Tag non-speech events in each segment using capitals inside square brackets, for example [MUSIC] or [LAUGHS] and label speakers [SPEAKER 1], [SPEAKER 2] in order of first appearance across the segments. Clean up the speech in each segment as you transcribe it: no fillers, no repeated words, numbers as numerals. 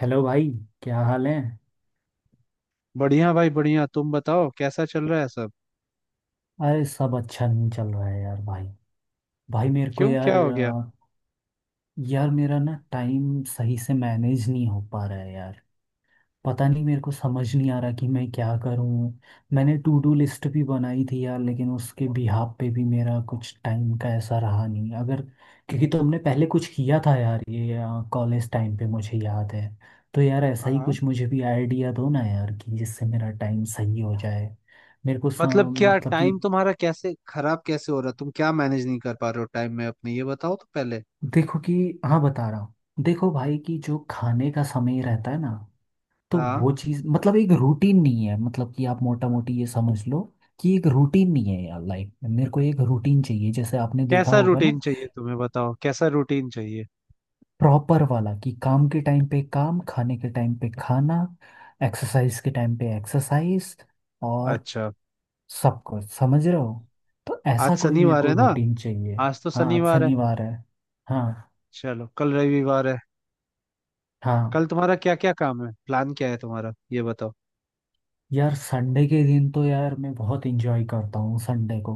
[SPEAKER 1] Hello भाई। क्या हाल है?
[SPEAKER 2] बढ़िया भाई बढ़िया। तुम बताओ, कैसा चल रहा है सब?
[SPEAKER 1] अरे, सब अच्छा नहीं चल रहा है यार भाई। भाई मेरे को
[SPEAKER 2] क्यों,
[SPEAKER 1] यार
[SPEAKER 2] क्या हो गया?
[SPEAKER 1] यार मेरा ना टाइम सही से मैनेज नहीं हो पा रहा है यार। पता नहीं मेरे को समझ नहीं आ रहा कि मैं क्या करूं। मैंने टू डू लिस्ट भी बनाई थी यार, लेकिन उसके बिहाफ पे भी मेरा कुछ टाइम का ऐसा रहा नहीं। अगर क्योंकि तुमने पहले कुछ किया था यार ये कॉलेज टाइम पे मुझे याद है। तो यार ऐसा ही
[SPEAKER 2] हाँ।
[SPEAKER 1] कुछ मुझे भी आइडिया दो ना यार, कि जिससे मेरा टाइम सही हो जाए। मेरे को
[SPEAKER 2] मतलब क्या,
[SPEAKER 1] मतलब कि
[SPEAKER 2] टाइम तुम्हारा कैसे खराब कैसे हो रहा? तुम क्या मैनेज नहीं कर पा रहे हो टाइम में अपने, ये बताओ तो पहले।
[SPEAKER 1] देखो कि हाँ, बता रहा हूँ। देखो भाई कि जो खाने का समय रहता है ना, तो
[SPEAKER 2] हाँ।
[SPEAKER 1] वो चीज़ मतलब एक रूटीन नहीं है। मतलब कि आप मोटा मोटी ये समझ लो कि एक रूटीन नहीं है यार। लाइफ में मेरे को एक रूटीन चाहिए, जैसे आपने देखा
[SPEAKER 2] कैसा
[SPEAKER 1] होगा ना
[SPEAKER 2] रूटीन चाहिए तुम्हें, बताओ कैसा रूटीन चाहिए?
[SPEAKER 1] प्रॉपर वाला कि काम के टाइम पे काम, खाने के टाइम पे खाना, एक्सरसाइज के टाइम पे एक्सरसाइज, और
[SPEAKER 2] अच्छा।
[SPEAKER 1] सब कुछ समझ रहे हो। तो
[SPEAKER 2] आज
[SPEAKER 1] ऐसा कोई मेरे
[SPEAKER 2] शनिवार
[SPEAKER 1] को
[SPEAKER 2] है ना,
[SPEAKER 1] रूटीन चाहिए।
[SPEAKER 2] आज तो
[SPEAKER 1] हाँ आज
[SPEAKER 2] शनिवार है।
[SPEAKER 1] शनिवार है। हाँ।
[SPEAKER 2] चलो, कल रविवार है।
[SPEAKER 1] हाँ,
[SPEAKER 2] कल तुम्हारा क्या क्या काम है, प्लान क्या है तुम्हारा, ये बताओ।
[SPEAKER 1] यार संडे के दिन तो यार मैं बहुत एंजॉय करता हूँ संडे को,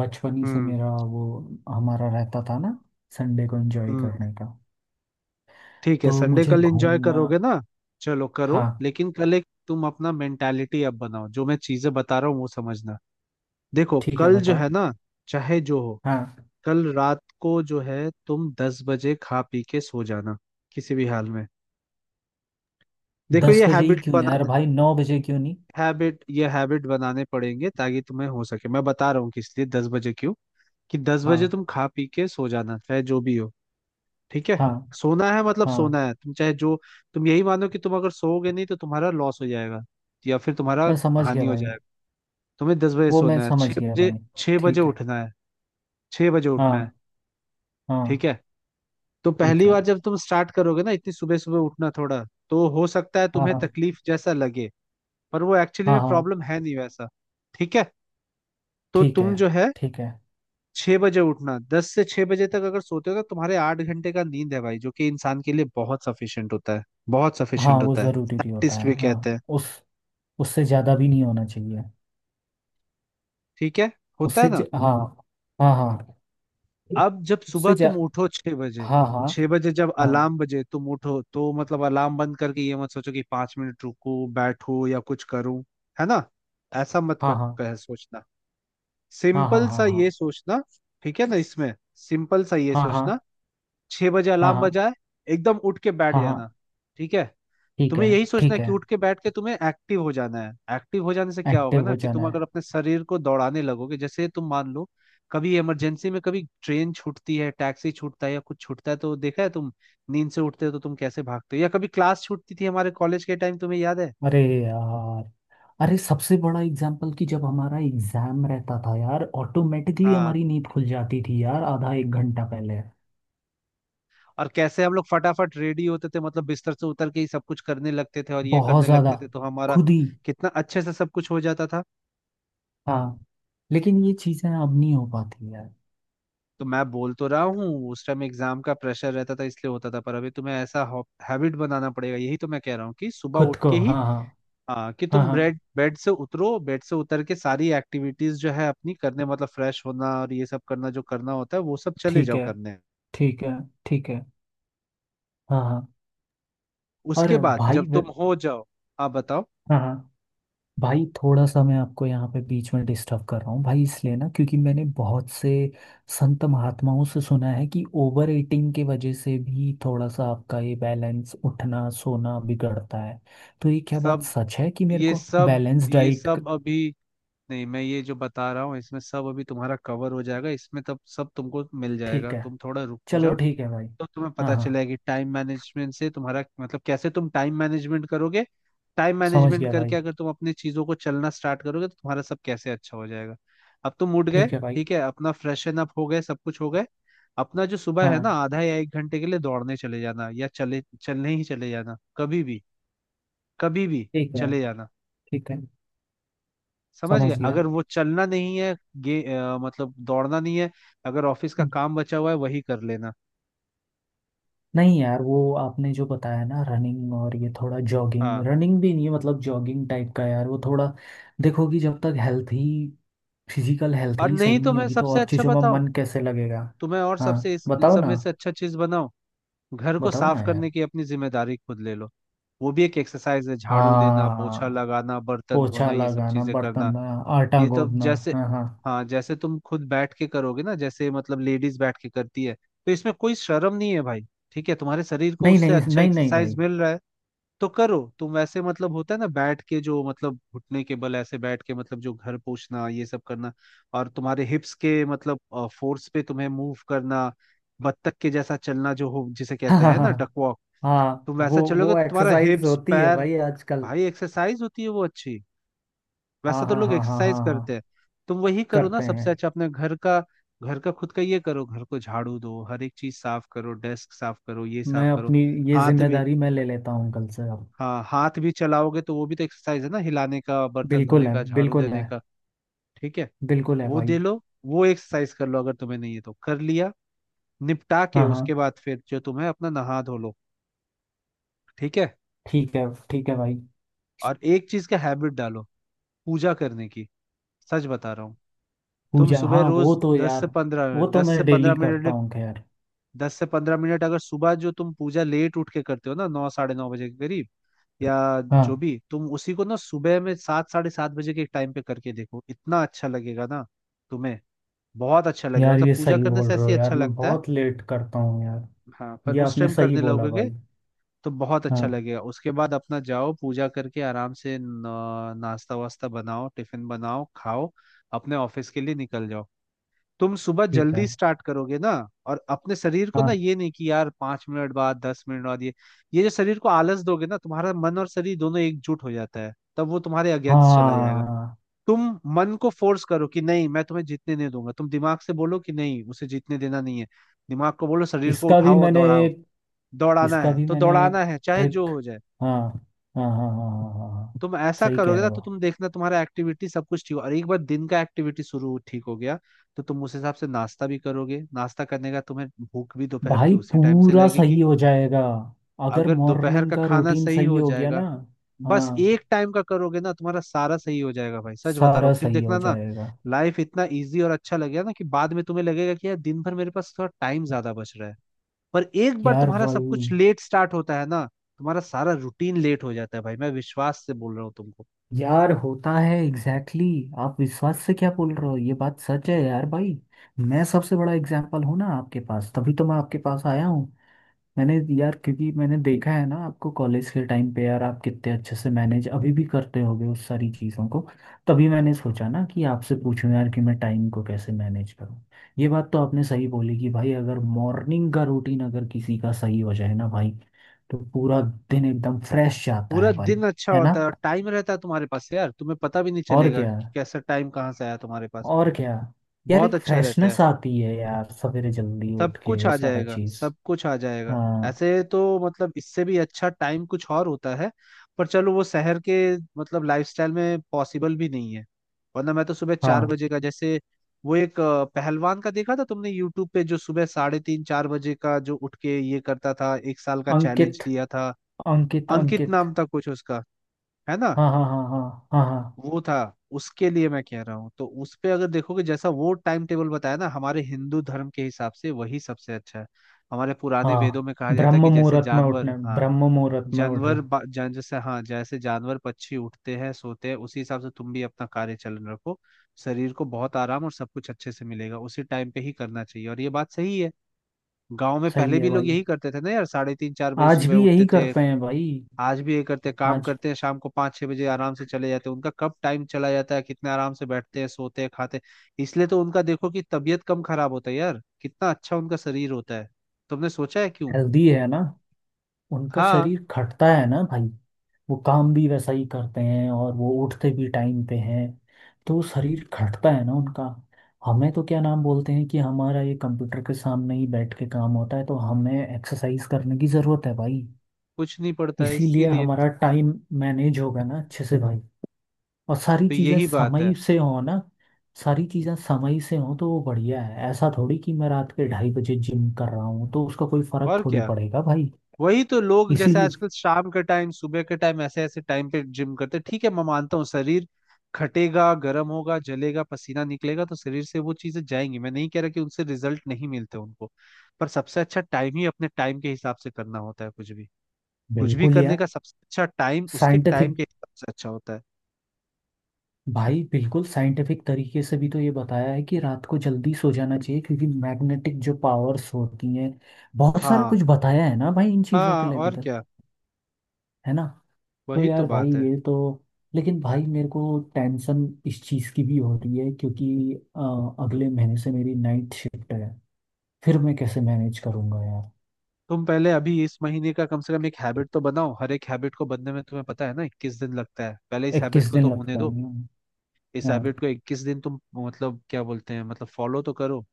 [SPEAKER 1] बचपन ही से
[SPEAKER 2] हम्म।
[SPEAKER 1] मेरा वो हमारा रहता था ना संडे को एंजॉय
[SPEAKER 2] हम्म।
[SPEAKER 1] करने का।
[SPEAKER 2] ठीक है,
[SPEAKER 1] तो
[SPEAKER 2] संडे
[SPEAKER 1] मुझे
[SPEAKER 2] कल एंजॉय
[SPEAKER 1] घूमना।
[SPEAKER 2] करोगे ना? चलो करो,
[SPEAKER 1] हाँ,
[SPEAKER 2] लेकिन कल एक तुम अपना मेंटालिटी अब बनाओ, जो मैं चीजें बता रहा हूँ वो समझना। देखो
[SPEAKER 1] ठीक है,
[SPEAKER 2] कल जो
[SPEAKER 1] बताओ।
[SPEAKER 2] है ना, चाहे जो हो
[SPEAKER 1] हाँ।
[SPEAKER 2] कल रात को जो है, तुम 10 बजे खा पी के सो जाना। किसी भी हाल में। देखो,
[SPEAKER 1] दस
[SPEAKER 2] ये
[SPEAKER 1] बजे ही
[SPEAKER 2] हैबिट
[SPEAKER 1] क्यों यार
[SPEAKER 2] बनाना।
[SPEAKER 1] भाई? 9 बजे क्यों नहीं?
[SPEAKER 2] हैबिट, ये हैबिट बनाने पड़ेंगे ताकि तुम्हें हो सके। मैं बता रहा हूँ कि इसलिए 10 बजे क्यों, कि 10 बजे
[SPEAKER 1] हाँ
[SPEAKER 2] तुम खा पी के सो जाना चाहे जो भी हो। ठीक है?
[SPEAKER 1] हाँ।
[SPEAKER 2] सोना है मतलब
[SPEAKER 1] हाँ,
[SPEAKER 2] सोना है, तुम चाहे जो। तुम यही मानो कि तुम अगर सोओगे नहीं तो तुम्हारा लॉस हो जाएगा, या फिर तुम्हारा
[SPEAKER 1] मैं समझ गया
[SPEAKER 2] हानि हो
[SPEAKER 1] भाई।
[SPEAKER 2] जाएगा। तुम्हें 10 बजे
[SPEAKER 1] वो मैं
[SPEAKER 2] सोना है,
[SPEAKER 1] समझ
[SPEAKER 2] छह
[SPEAKER 1] गया
[SPEAKER 2] बजे
[SPEAKER 1] भाई।
[SPEAKER 2] छह बजे
[SPEAKER 1] ठीक है।
[SPEAKER 2] उठना है, छह बजे उठना है।
[SPEAKER 1] हाँ
[SPEAKER 2] ठीक
[SPEAKER 1] हाँ।
[SPEAKER 2] है? तो पहली
[SPEAKER 1] ठीक है।
[SPEAKER 2] बार जब तुम स्टार्ट करोगे ना, इतनी सुबह सुबह उठना थोड़ा तो हो सकता है
[SPEAKER 1] हाँ
[SPEAKER 2] तुम्हें
[SPEAKER 1] हाँ
[SPEAKER 2] तकलीफ जैसा लगे, पर वो एक्चुअली
[SPEAKER 1] हाँ
[SPEAKER 2] में
[SPEAKER 1] हाँ।
[SPEAKER 2] प्रॉब्लम है नहीं वैसा। ठीक है? तो
[SPEAKER 1] ठीक है।
[SPEAKER 2] तुम जो है
[SPEAKER 1] ठीक है।
[SPEAKER 2] 6 बजे उठना, 10 से 6 बजे तक अगर सोते हो तो तुम्हारे 8 घंटे का नींद है भाई, जो कि इंसान के लिए बहुत सफिशिएंट होता है। बहुत
[SPEAKER 1] हाँ,
[SPEAKER 2] सफिशिएंट
[SPEAKER 1] वो
[SPEAKER 2] होता है।
[SPEAKER 1] ज़रूरी भी होता
[SPEAKER 2] साइंटिस्ट भी
[SPEAKER 1] है। हाँ,
[SPEAKER 2] कहते हैं।
[SPEAKER 1] उस उससे ज़्यादा भी नहीं होना चाहिए।
[SPEAKER 2] ठीक है? होता है ना।
[SPEAKER 1] हाँ। हाँ हाँ।
[SPEAKER 2] अब जब सुबह
[SPEAKER 1] उससे जा।
[SPEAKER 2] तुम उठो 6 बजे,
[SPEAKER 1] हाँ हाँ
[SPEAKER 2] छह बजे जब
[SPEAKER 1] हाँ
[SPEAKER 2] अलार्म बजे तुम उठो तो मतलब अलार्म बंद करके ये मत सोचो कि 5 मिनट रुकूं बैठूं या कुछ करूं। है ना? ऐसा मत कर,
[SPEAKER 1] हाँ हाँ
[SPEAKER 2] कह सोचना।
[SPEAKER 1] हाँ हाँ।
[SPEAKER 2] सिंपल सा
[SPEAKER 1] हाँ
[SPEAKER 2] ये सोचना। ठीक है ना इसमें। सिंपल सा ये
[SPEAKER 1] हाँ हाँ। हाँ
[SPEAKER 2] सोचना। 6 बजे
[SPEAKER 1] हाँ
[SPEAKER 2] अलार्म
[SPEAKER 1] हाँ।
[SPEAKER 2] बजाए एकदम उठ के बैठ
[SPEAKER 1] हाँ हाँ।
[SPEAKER 2] जाना। ठीक है?
[SPEAKER 1] ठीक
[SPEAKER 2] तुम्हें
[SPEAKER 1] है।
[SPEAKER 2] यही सोचना
[SPEAKER 1] ठीक
[SPEAKER 2] है
[SPEAKER 1] है।
[SPEAKER 2] कि उठ के बैठ के तुम्हें एक्टिव हो जाना है। एक्टिव हो जाने से क्या होगा
[SPEAKER 1] एक्टिव
[SPEAKER 2] ना,
[SPEAKER 1] हो
[SPEAKER 2] कि
[SPEAKER 1] जाना
[SPEAKER 2] तुम अगर
[SPEAKER 1] है।
[SPEAKER 2] अपने शरीर को दौड़ाने लगोगे, जैसे तुम मान लो कभी इमरजेंसी में, कभी ट्रेन छूटती है, टैक्सी छूटता है या कुछ छूटता है तो देखा है तुम नींद से उठते हो तो तुम कैसे भागते हो, या कभी क्लास छूटती थी हमारे कॉलेज के टाइम तुम्हें याद है?
[SPEAKER 1] अरे यार। अरे सबसे बड़ा एग्जाम्पल कि जब हमारा एग्जाम रहता था यार, ऑटोमेटिकली
[SPEAKER 2] हाँ।
[SPEAKER 1] हमारी नींद खुल जाती थी यार आधा एक घंटा पहले।
[SPEAKER 2] और कैसे हम लोग फटाफट रेडी होते थे, मतलब बिस्तर से उतर के ही सब कुछ करने लगते थे, और ये
[SPEAKER 1] बहुत
[SPEAKER 2] करने
[SPEAKER 1] ज्यादा।
[SPEAKER 2] लगते थे तो हमारा
[SPEAKER 1] खुद ही।
[SPEAKER 2] कितना अच्छे से सब कुछ हो जाता था।
[SPEAKER 1] हाँ, लेकिन ये चीजें अब नहीं हो पाती यार।
[SPEAKER 2] तो मैं बोल तो रहा हूँ उस टाइम एग्जाम का प्रेशर रहता था इसलिए होता था, पर अभी तुम्हें ऐसा हैबिट बनाना पड़ेगा, यही तो मैं कह रहा हूँ कि सुबह
[SPEAKER 1] खुद
[SPEAKER 2] उठ
[SPEAKER 1] को
[SPEAKER 2] के ही
[SPEAKER 1] हाँ हाँ।
[SPEAKER 2] कि
[SPEAKER 1] हाँ
[SPEAKER 2] तुम बेड
[SPEAKER 1] हाँ।
[SPEAKER 2] बेड से उतरो, बेड से उतर के सारी एक्टिविटीज जो है अपनी करने मतलब फ्रेश होना, और ये सब करना जो करना होता है वो सब चले
[SPEAKER 1] ठीक
[SPEAKER 2] जाओ
[SPEAKER 1] है।
[SPEAKER 2] करने।
[SPEAKER 1] ठीक है। ठीक है। हाँ हाँ। और
[SPEAKER 2] उसके बाद जब
[SPEAKER 1] भाई वे-
[SPEAKER 2] तुम हो जाओ आप बताओ।
[SPEAKER 1] हाँ हाँ। भाई थोड़ा सा मैं आपको यहाँ पे बीच में डिस्टर्ब कर रहा हूँ भाई, इसलिए ना क्योंकि मैंने बहुत से संत महात्माओं से सुना है कि ओवर ईटिंग के वजह से भी थोड़ा सा आपका ये बैलेंस उठना सोना बिगड़ता है। तो ये क्या बात
[SPEAKER 2] सब
[SPEAKER 1] सच है कि मेरे
[SPEAKER 2] ये
[SPEAKER 1] को
[SPEAKER 2] सब
[SPEAKER 1] बैलेंस
[SPEAKER 2] ये
[SPEAKER 1] डाइट।
[SPEAKER 2] सब अभी नहीं। मैं ये जो बता रहा हूँ इसमें सब अभी तुम्हारा कवर हो जाएगा, इसमें तब सब तुमको मिल
[SPEAKER 1] ठीक
[SPEAKER 2] जाएगा,
[SPEAKER 1] है,
[SPEAKER 2] तुम थोड़ा रुक
[SPEAKER 1] चलो
[SPEAKER 2] जाओ।
[SPEAKER 1] ठीक है भाई।
[SPEAKER 2] तो तुम्हें
[SPEAKER 1] हाँ
[SPEAKER 2] पता
[SPEAKER 1] हाँ।
[SPEAKER 2] चला है कि टाइम मैनेजमेंट से तुम्हारा मतलब कैसे तुम टाइम मैनेजमेंट करोगे। टाइम
[SPEAKER 1] समझ
[SPEAKER 2] मैनेजमेंट
[SPEAKER 1] गया
[SPEAKER 2] करके
[SPEAKER 1] भाई।
[SPEAKER 2] अगर तुम अपनी चीजों को चलना स्टार्ट करोगे तो तुम्हारा सब कैसे अच्छा हो जाएगा। अब तुम उठ गए,
[SPEAKER 1] ठीक है भाई।
[SPEAKER 2] ठीक है, अपना फ्रेशन अप हो गए, सब कुछ हो गए। अपना जो सुबह है ना,
[SPEAKER 1] हाँ।
[SPEAKER 2] आधा या एक घंटे के लिए दौड़ने चले जाना, या चले चलने ही चले जाना, कभी भी कभी भी
[SPEAKER 1] ठीक है।
[SPEAKER 2] चले जाना।
[SPEAKER 1] ठीक है।
[SPEAKER 2] समझ गए?
[SPEAKER 1] समझ गया।
[SPEAKER 2] अगर वो चलना नहीं है मतलब दौड़ना नहीं है, अगर ऑफिस का काम बचा हुआ है वही कर लेना।
[SPEAKER 1] नहीं यार, वो आपने जो बताया ना रनिंग, और ये थोड़ा जॉगिंग
[SPEAKER 2] हाँ,
[SPEAKER 1] रनिंग भी नहीं है, मतलब जॉगिंग टाइप का यार वो थोड़ा। देखो कि जब तक हेल्थ ही फिजिकल हेल्थ
[SPEAKER 2] और
[SPEAKER 1] ही
[SPEAKER 2] नहीं
[SPEAKER 1] सही
[SPEAKER 2] तो
[SPEAKER 1] नहीं
[SPEAKER 2] मैं
[SPEAKER 1] होगी तो
[SPEAKER 2] सबसे
[SPEAKER 1] और
[SPEAKER 2] अच्छा
[SPEAKER 1] चीज़ों में
[SPEAKER 2] बताऊं
[SPEAKER 1] मन कैसे लगेगा।
[SPEAKER 2] तुम्हें, और
[SPEAKER 1] हाँ,
[SPEAKER 2] सबसे इन
[SPEAKER 1] बताओ
[SPEAKER 2] सब
[SPEAKER 1] ना।
[SPEAKER 2] में से अच्छा चीज बनाओ। घर को
[SPEAKER 1] बताओ
[SPEAKER 2] साफ
[SPEAKER 1] ना यार।
[SPEAKER 2] करने की अपनी जिम्मेदारी खुद ले लो। वो भी एक एक्सरसाइज है, झाड़ू देना, पोछा
[SPEAKER 1] हाँ,
[SPEAKER 2] लगाना, बर्तन
[SPEAKER 1] पोछा
[SPEAKER 2] धोना, ये सब
[SPEAKER 1] लगाना,
[SPEAKER 2] चीजें करना।
[SPEAKER 1] बर्तन धोना, आटा
[SPEAKER 2] ये तो
[SPEAKER 1] गोदना।
[SPEAKER 2] जैसे
[SPEAKER 1] हाँ हाँ।
[SPEAKER 2] हाँ जैसे तुम खुद बैठ के करोगे ना, जैसे मतलब लेडीज बैठ के करती है, तो इसमें कोई शर्म नहीं है भाई। ठीक है, तुम्हारे शरीर को
[SPEAKER 1] नहीं
[SPEAKER 2] उससे
[SPEAKER 1] नहीं
[SPEAKER 2] अच्छा
[SPEAKER 1] नहीं नहीं
[SPEAKER 2] एक्सरसाइज
[SPEAKER 1] भाई।
[SPEAKER 2] मिल रहा है। तो करो तुम ऐसे, मतलब होता है ना बैठ के जो, मतलब घुटने के बल ऐसे बैठ के मतलब जो घर पोछना ये सब करना। और तुम्हारे हिप्स के मतलब फोर्स पे तुम्हें मूव करना, बत्तख के जैसा चलना, जो हो जिसे
[SPEAKER 1] [LAUGHS] हाँ
[SPEAKER 2] कहते
[SPEAKER 1] हाँ
[SPEAKER 2] हैं
[SPEAKER 1] हाँ।
[SPEAKER 2] ना डक वॉक।
[SPEAKER 1] हाँ,
[SPEAKER 2] तुम वैसा चलोगे
[SPEAKER 1] वो
[SPEAKER 2] तो तुम्हारा
[SPEAKER 1] एक्सरसाइज
[SPEAKER 2] हिप्स,
[SPEAKER 1] होती है
[SPEAKER 2] पैर,
[SPEAKER 1] भाई आजकल।
[SPEAKER 2] भाई एक्सरसाइज होती है वो अच्छी, वैसा
[SPEAKER 1] हाँ
[SPEAKER 2] तो
[SPEAKER 1] हाँ
[SPEAKER 2] लोग
[SPEAKER 1] हाँ हाँ
[SPEAKER 2] एक्सरसाइज
[SPEAKER 1] हाँ हाँ।
[SPEAKER 2] करते हैं। तुम वही करो ना
[SPEAKER 1] करते हैं।
[SPEAKER 2] सबसे अच्छा अपने घर का, घर का खुद का ये करो, घर को झाड़ू दो, हर एक चीज साफ करो, डेस्क साफ करो, ये साफ
[SPEAKER 1] मैं
[SPEAKER 2] करो।
[SPEAKER 1] अपनी ये
[SPEAKER 2] हाथ भी,
[SPEAKER 1] जिम्मेदारी मैं ले लेता हूँ कल से अब।
[SPEAKER 2] हाँ हाथ भी चलाओगे तो वो भी तो एक्सरसाइज है ना, हिलाने का, बर्तन
[SPEAKER 1] बिल्कुल
[SPEAKER 2] धोने
[SPEAKER 1] है,
[SPEAKER 2] का, झाड़ू
[SPEAKER 1] बिल्कुल
[SPEAKER 2] देने
[SPEAKER 1] है।
[SPEAKER 2] का। ठीक है,
[SPEAKER 1] बिल्कुल है
[SPEAKER 2] वो
[SPEAKER 1] भाई।
[SPEAKER 2] दे लो, वो एक्सरसाइज कर लो, अगर तुम्हें नहीं है तो कर लिया निपटा के
[SPEAKER 1] हाँ हाँ।
[SPEAKER 2] उसके बाद फिर जो तुम्हें अपना नहा धो लो। ठीक है।
[SPEAKER 1] ठीक है। ठीक है भाई।
[SPEAKER 2] और एक चीज का हैबिट डालो, पूजा करने की, सच बता रहा हूँ। तुम
[SPEAKER 1] पूजा,
[SPEAKER 2] सुबह
[SPEAKER 1] हाँ वो
[SPEAKER 2] रोज
[SPEAKER 1] तो
[SPEAKER 2] दस से
[SPEAKER 1] यार,
[SPEAKER 2] पंद्रह
[SPEAKER 1] वो
[SPEAKER 2] मिनट,
[SPEAKER 1] तो
[SPEAKER 2] दस से
[SPEAKER 1] मैं डेली
[SPEAKER 2] पंद्रह
[SPEAKER 1] करता
[SPEAKER 2] मिनट
[SPEAKER 1] हूँ खैर।
[SPEAKER 2] 10 से 15 मिनट अगर सुबह जो तुम पूजा लेट उठ के करते हो ना 9 साढ़े 9 बजे के करीब, या
[SPEAKER 1] हाँ
[SPEAKER 2] जो भी तुम उसी को ना सुबह में 7 साढ़े 7 बजे के एक टाइम पे करके देखो, इतना अच्छा लगेगा ना तुम्हें। बहुत अच्छा लगेगा,
[SPEAKER 1] यार,
[SPEAKER 2] मतलब
[SPEAKER 1] ये
[SPEAKER 2] पूजा
[SPEAKER 1] सही
[SPEAKER 2] करने
[SPEAKER 1] बोल
[SPEAKER 2] से
[SPEAKER 1] रहे
[SPEAKER 2] ऐसे
[SPEAKER 1] हो
[SPEAKER 2] ही अच्छा
[SPEAKER 1] यार, मैं
[SPEAKER 2] लगता है।
[SPEAKER 1] बहुत लेट करता हूँ यार।
[SPEAKER 2] हाँ, पर
[SPEAKER 1] ये
[SPEAKER 2] उस
[SPEAKER 1] आपने
[SPEAKER 2] टाइम
[SPEAKER 1] सही
[SPEAKER 2] करने
[SPEAKER 1] बोला
[SPEAKER 2] लगोगे
[SPEAKER 1] भाई।
[SPEAKER 2] तो बहुत अच्छा
[SPEAKER 1] हाँ।
[SPEAKER 2] लगेगा। उसके बाद अपना जाओ पूजा करके, आराम से नाश्ता वास्ता बनाओ, टिफिन बनाओ, खाओ, अपने ऑफिस के लिए निकल जाओ। तुम सुबह
[SPEAKER 1] ठीक
[SPEAKER 2] जल्दी
[SPEAKER 1] है।
[SPEAKER 2] स्टार्ट करोगे ना, और अपने शरीर को
[SPEAKER 1] हाँ
[SPEAKER 2] ना, ये नहीं कि यार 5 मिनट बाद 10 मिनट बाद ये जो शरीर को आलस दोगे ना, तुम्हारा मन और शरीर दोनों एकजुट हो जाता है, तब वो तुम्हारे अगेंस्ट चला जाएगा।
[SPEAKER 1] हाँ।
[SPEAKER 2] तुम मन को फोर्स करो कि नहीं, मैं तुम्हें जीतने नहीं दूंगा। तुम दिमाग से बोलो कि नहीं, उसे जीतने देना नहीं है। दिमाग को बोलो शरीर को
[SPEAKER 1] इसका भी
[SPEAKER 2] उठाओ और
[SPEAKER 1] मैंने
[SPEAKER 2] दौड़ाओ।
[SPEAKER 1] एक
[SPEAKER 2] दौड़ाना
[SPEAKER 1] इसका
[SPEAKER 2] है
[SPEAKER 1] भी
[SPEAKER 2] तो
[SPEAKER 1] मैंने एक
[SPEAKER 2] दौड़ाना है, चाहे जो
[SPEAKER 1] ट्रिक।
[SPEAKER 2] हो जाए।
[SPEAKER 1] हाँ हाँ हाँ हाँ हाँ हाँ हाँ।
[SPEAKER 2] तुम ऐसा
[SPEAKER 1] सही कह
[SPEAKER 2] करोगे
[SPEAKER 1] रहे
[SPEAKER 2] ना
[SPEAKER 1] हो।
[SPEAKER 2] तो तुम देखना तुम्हारा एक्टिविटी सब कुछ ठीक हो, और एक बार दिन का एक्टिविटी शुरू ठीक हो गया तो तुम उस हिसाब से नाश्ता भी करोगे, नाश्ता करने का तुम्हें भूख भी दोपहर की
[SPEAKER 1] भाई
[SPEAKER 2] उसी टाइम से
[SPEAKER 1] पूरा
[SPEAKER 2] लगेगी,
[SPEAKER 1] सही हो जाएगा अगर
[SPEAKER 2] अगर दोपहर
[SPEAKER 1] मॉर्निंग
[SPEAKER 2] का
[SPEAKER 1] का
[SPEAKER 2] खाना
[SPEAKER 1] रूटीन
[SPEAKER 2] सही
[SPEAKER 1] सही
[SPEAKER 2] हो
[SPEAKER 1] हो गया ना।
[SPEAKER 2] जाएगा। बस
[SPEAKER 1] हाँ।
[SPEAKER 2] एक टाइम का करोगे ना तुम्हारा सारा सही हो जाएगा भाई, सच बता रहा
[SPEAKER 1] सारा
[SPEAKER 2] हूँ, फिर
[SPEAKER 1] सही हो
[SPEAKER 2] देखना ना,
[SPEAKER 1] जाएगा।
[SPEAKER 2] लाइफ इतना इजी और अच्छा लगेगा ना कि बाद में तुम्हें लगेगा कि यार दिन भर मेरे पास थोड़ा टाइम ज्यादा बच रहा है। पर एक बार
[SPEAKER 1] यार
[SPEAKER 2] तुम्हारा सब
[SPEAKER 1] वही।
[SPEAKER 2] कुछ लेट स्टार्ट होता है ना, तुम्हारा सारा रूटीन लेट हो जाता है भाई, मैं विश्वास से बोल रहा हूँ तुमको।
[SPEAKER 1] यार होता है एग्जैक्टली exactly. आप विश्वास से क्या बोल रहे हो, ये बात सच है यार भाई। मैं सबसे बड़ा एग्जाम्पल हूँ ना आपके पास, तभी तो मैं आपके पास आया हूँ। मैंने यार क्योंकि मैंने देखा है ना आपको कॉलेज के टाइम पे यार, आप कितने अच्छे से मैनेज अभी भी करते होगे उस सारी चीज़ों को। तभी मैंने सोचा ना कि आपसे पूछूं यार कि मैं टाइम को कैसे मैनेज करूं। ये बात तो आपने सही बोली कि भाई अगर मॉर्निंग का रूटीन अगर किसी का सही हो जाए ना भाई, तो पूरा दिन एकदम फ्रेश जाता
[SPEAKER 2] पूरा
[SPEAKER 1] है भाई।
[SPEAKER 2] दिन अच्छा
[SPEAKER 1] है ना।
[SPEAKER 2] होता है और टाइम रहता है तुम्हारे पास यार, तुम्हें पता भी नहीं
[SPEAKER 1] और
[SPEAKER 2] चलेगा
[SPEAKER 1] क्या,
[SPEAKER 2] कि कैसा टाइम कहाँ से आया तुम्हारे पास।
[SPEAKER 1] और क्या। यार
[SPEAKER 2] बहुत
[SPEAKER 1] एक
[SPEAKER 2] अच्छा रहता है।
[SPEAKER 1] फ्रेशनेस आती है यार सवेरे जल्दी
[SPEAKER 2] सब
[SPEAKER 1] उठ के
[SPEAKER 2] कुछ
[SPEAKER 1] ये
[SPEAKER 2] आ
[SPEAKER 1] सारा
[SPEAKER 2] जाएगा,
[SPEAKER 1] चीज़।
[SPEAKER 2] सब कुछ आ जाएगा।
[SPEAKER 1] हाँ
[SPEAKER 2] ऐसे तो मतलब इससे भी अच्छा टाइम कुछ और होता है, पर चलो वो शहर के मतलब लाइफस्टाइल में पॉसिबल भी नहीं है, वरना मैं तो सुबह चार
[SPEAKER 1] हाँ।
[SPEAKER 2] बजे का जैसे वो एक पहलवान का देखा था तुमने यूट्यूब पे, जो सुबह साढ़े 3 4 बजे का जो उठ के ये करता था, एक साल का चैलेंज
[SPEAKER 1] अंकित।
[SPEAKER 2] लिया था।
[SPEAKER 1] अंकित
[SPEAKER 2] अंकित
[SPEAKER 1] अंकित।
[SPEAKER 2] नाम था कुछ उसका, है ना?
[SPEAKER 1] हाँ हाँ हाँ हाँ हाँ
[SPEAKER 2] वो था। उसके लिए मैं कह रहा हूँ, तो उस पे अगर देखोगे, जैसा वो टाइम टेबल बताया ना हमारे हिंदू धर्म के हिसाब से वही सबसे अच्छा है। हमारे
[SPEAKER 1] हाँ।
[SPEAKER 2] पुराने वेदों में कहा
[SPEAKER 1] हाँ
[SPEAKER 2] जाता है कि
[SPEAKER 1] ब्रह्म
[SPEAKER 2] जैसे
[SPEAKER 1] मुहूर्त में
[SPEAKER 2] जानवर,
[SPEAKER 1] उठना है,
[SPEAKER 2] हाँ,
[SPEAKER 1] ब्रह्म मुहूर्त में उठो।
[SPEAKER 2] जानवर बा- जान जैसे, हाँ, जैसे जानवर पक्षी उठते हैं सोते हैं उसी हिसाब से तुम भी अपना कार्य चलन रखो। शरीर को बहुत आराम और सब कुछ अच्छे से मिलेगा, उसी टाइम पे ही करना चाहिए, और ये बात सही है। गांव में
[SPEAKER 1] सही
[SPEAKER 2] पहले
[SPEAKER 1] है
[SPEAKER 2] भी लोग
[SPEAKER 1] भाई।
[SPEAKER 2] यही करते थे ना यार, साढ़े 3 4 बजे
[SPEAKER 1] आज
[SPEAKER 2] सुबह
[SPEAKER 1] भी
[SPEAKER 2] उठते
[SPEAKER 1] यही
[SPEAKER 2] थे,
[SPEAKER 1] करते हैं भाई।
[SPEAKER 2] आज भी ये करते हैं, काम
[SPEAKER 1] आज
[SPEAKER 2] करते हैं, शाम को 5 6 बजे आराम से चले जाते हैं, उनका कब टाइम चला जाता है, कितने आराम से बैठते हैं, सोते हैं, खाते हैं। इसलिए तो उनका देखो कि तबीयत कम खराब होता है यार, कितना अच्छा उनका शरीर होता है। तुमने सोचा है क्यों?
[SPEAKER 1] हेल्दी है ना। उनका
[SPEAKER 2] हाँ।
[SPEAKER 1] शरीर खटता है ना भाई, वो काम भी वैसा ही करते हैं और वो उठते भी टाइम पे हैं, तो शरीर खटता है ना उनका। हमें तो क्या नाम बोलते हैं कि हमारा ये कंप्यूटर के सामने ही बैठ के काम होता है, तो हमें एक्सरसाइज करने की ज़रूरत है भाई।
[SPEAKER 2] कुछ नहीं पड़ता है
[SPEAKER 1] इसीलिए
[SPEAKER 2] इसीलिए।
[SPEAKER 1] हमारा टाइम मैनेज होगा ना
[SPEAKER 2] तो
[SPEAKER 1] अच्छे से भाई। और सारी चीज़ें
[SPEAKER 2] यही बात
[SPEAKER 1] समय
[SPEAKER 2] है।
[SPEAKER 1] से हो ना। सारी चीज़ें समय से हो तो वो बढ़िया है, ऐसा थोड़ी कि मैं रात के 2:30 बजे जिम कर रहा हूँ तो उसका कोई फर्क
[SPEAKER 2] और
[SPEAKER 1] थोड़ी
[SPEAKER 2] क्या।
[SPEAKER 1] पड़ेगा भाई।
[SPEAKER 2] वही तो, लोग जैसे
[SPEAKER 1] इसीलिए
[SPEAKER 2] आजकल शाम के टाइम सुबह के टाइम ऐसे ऐसे टाइम पे जिम करते हैं। ठीक है, मैं मानता हूँ शरीर खटेगा, गर्म होगा, जलेगा, पसीना निकलेगा तो शरीर से वो चीजें जाएंगी, मैं नहीं कह रहा कि उनसे रिजल्ट नहीं मिलते उनको, पर सबसे अच्छा टाइम ही अपने टाइम के हिसाब से करना होता है कुछ भी। कुछ भी
[SPEAKER 1] बिल्कुल
[SPEAKER 2] करने
[SPEAKER 1] यार
[SPEAKER 2] का सबसे अच्छा टाइम उसके टाइम
[SPEAKER 1] साइंटिफिक,
[SPEAKER 2] के हिसाब से अच्छा होता है।
[SPEAKER 1] भाई बिल्कुल साइंटिफिक तरीके से भी तो ये बताया है कि रात को जल्दी सो जाना चाहिए क्योंकि मैग्नेटिक जो पावर्स होती हैं, बहुत सारा
[SPEAKER 2] हाँ।
[SPEAKER 1] कुछ बताया है ना भाई इन चीज़ों के
[SPEAKER 2] हाँ
[SPEAKER 1] लिए भी
[SPEAKER 2] और
[SPEAKER 1] तो।
[SPEAKER 2] क्या।
[SPEAKER 1] है ना। तो
[SPEAKER 2] वही तो
[SPEAKER 1] यार भाई
[SPEAKER 2] बात है।
[SPEAKER 1] ये तो, लेकिन भाई मेरे को टेंशन इस चीज़ की भी हो रही है क्योंकि अगले महीने से मेरी नाइट शिफ्ट है, फिर मैं कैसे मैनेज करूँगा यार।
[SPEAKER 2] तुम पहले अभी इस महीने का कम से कम एक हैबिट तो बनाओ, हर एक हैबिट को बनने में तुम्हें पता है ना 21 दिन लगता है, पहले इस हैबिट
[SPEAKER 1] इक्कीस
[SPEAKER 2] को
[SPEAKER 1] दिन
[SPEAKER 2] तो होने
[SPEAKER 1] लगता है
[SPEAKER 2] दो।
[SPEAKER 1] ना?
[SPEAKER 2] इस
[SPEAKER 1] हाँ
[SPEAKER 2] हैबिट को 21 दिन तुम, मतलब क्या बोलते हैं, मतलब फॉलो तो करो,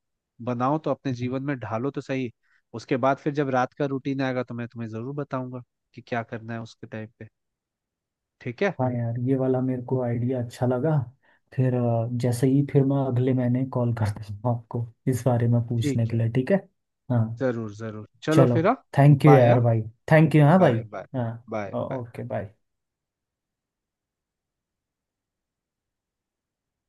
[SPEAKER 2] बनाओ तो, अपने जीवन में ढालो तो सही। उसके बाद फिर जब रात का रूटीन आएगा तो मैं तुम्हें जरूर बताऊंगा कि क्या करना है उसके टाइम पे। ठीक है?
[SPEAKER 1] हाँ, यार ये वाला मेरे को आइडिया अच्छा लगा। फिर जैसे ही फिर मैं अगले महीने कॉल कर दूंगा आपको इस बारे में पूछने
[SPEAKER 2] ठीक
[SPEAKER 1] के
[SPEAKER 2] है,
[SPEAKER 1] लिए, ठीक है। हाँ।
[SPEAKER 2] जरूर जरूर, चलो
[SPEAKER 1] चलो।
[SPEAKER 2] फिर, हाँ।
[SPEAKER 1] थैंक यू
[SPEAKER 2] बाय, हाँ।
[SPEAKER 1] यार भाई। थैंक यू हाँ भाई।
[SPEAKER 2] Bye bye. बाय
[SPEAKER 1] हाँ।
[SPEAKER 2] बाय।
[SPEAKER 1] Okay bye.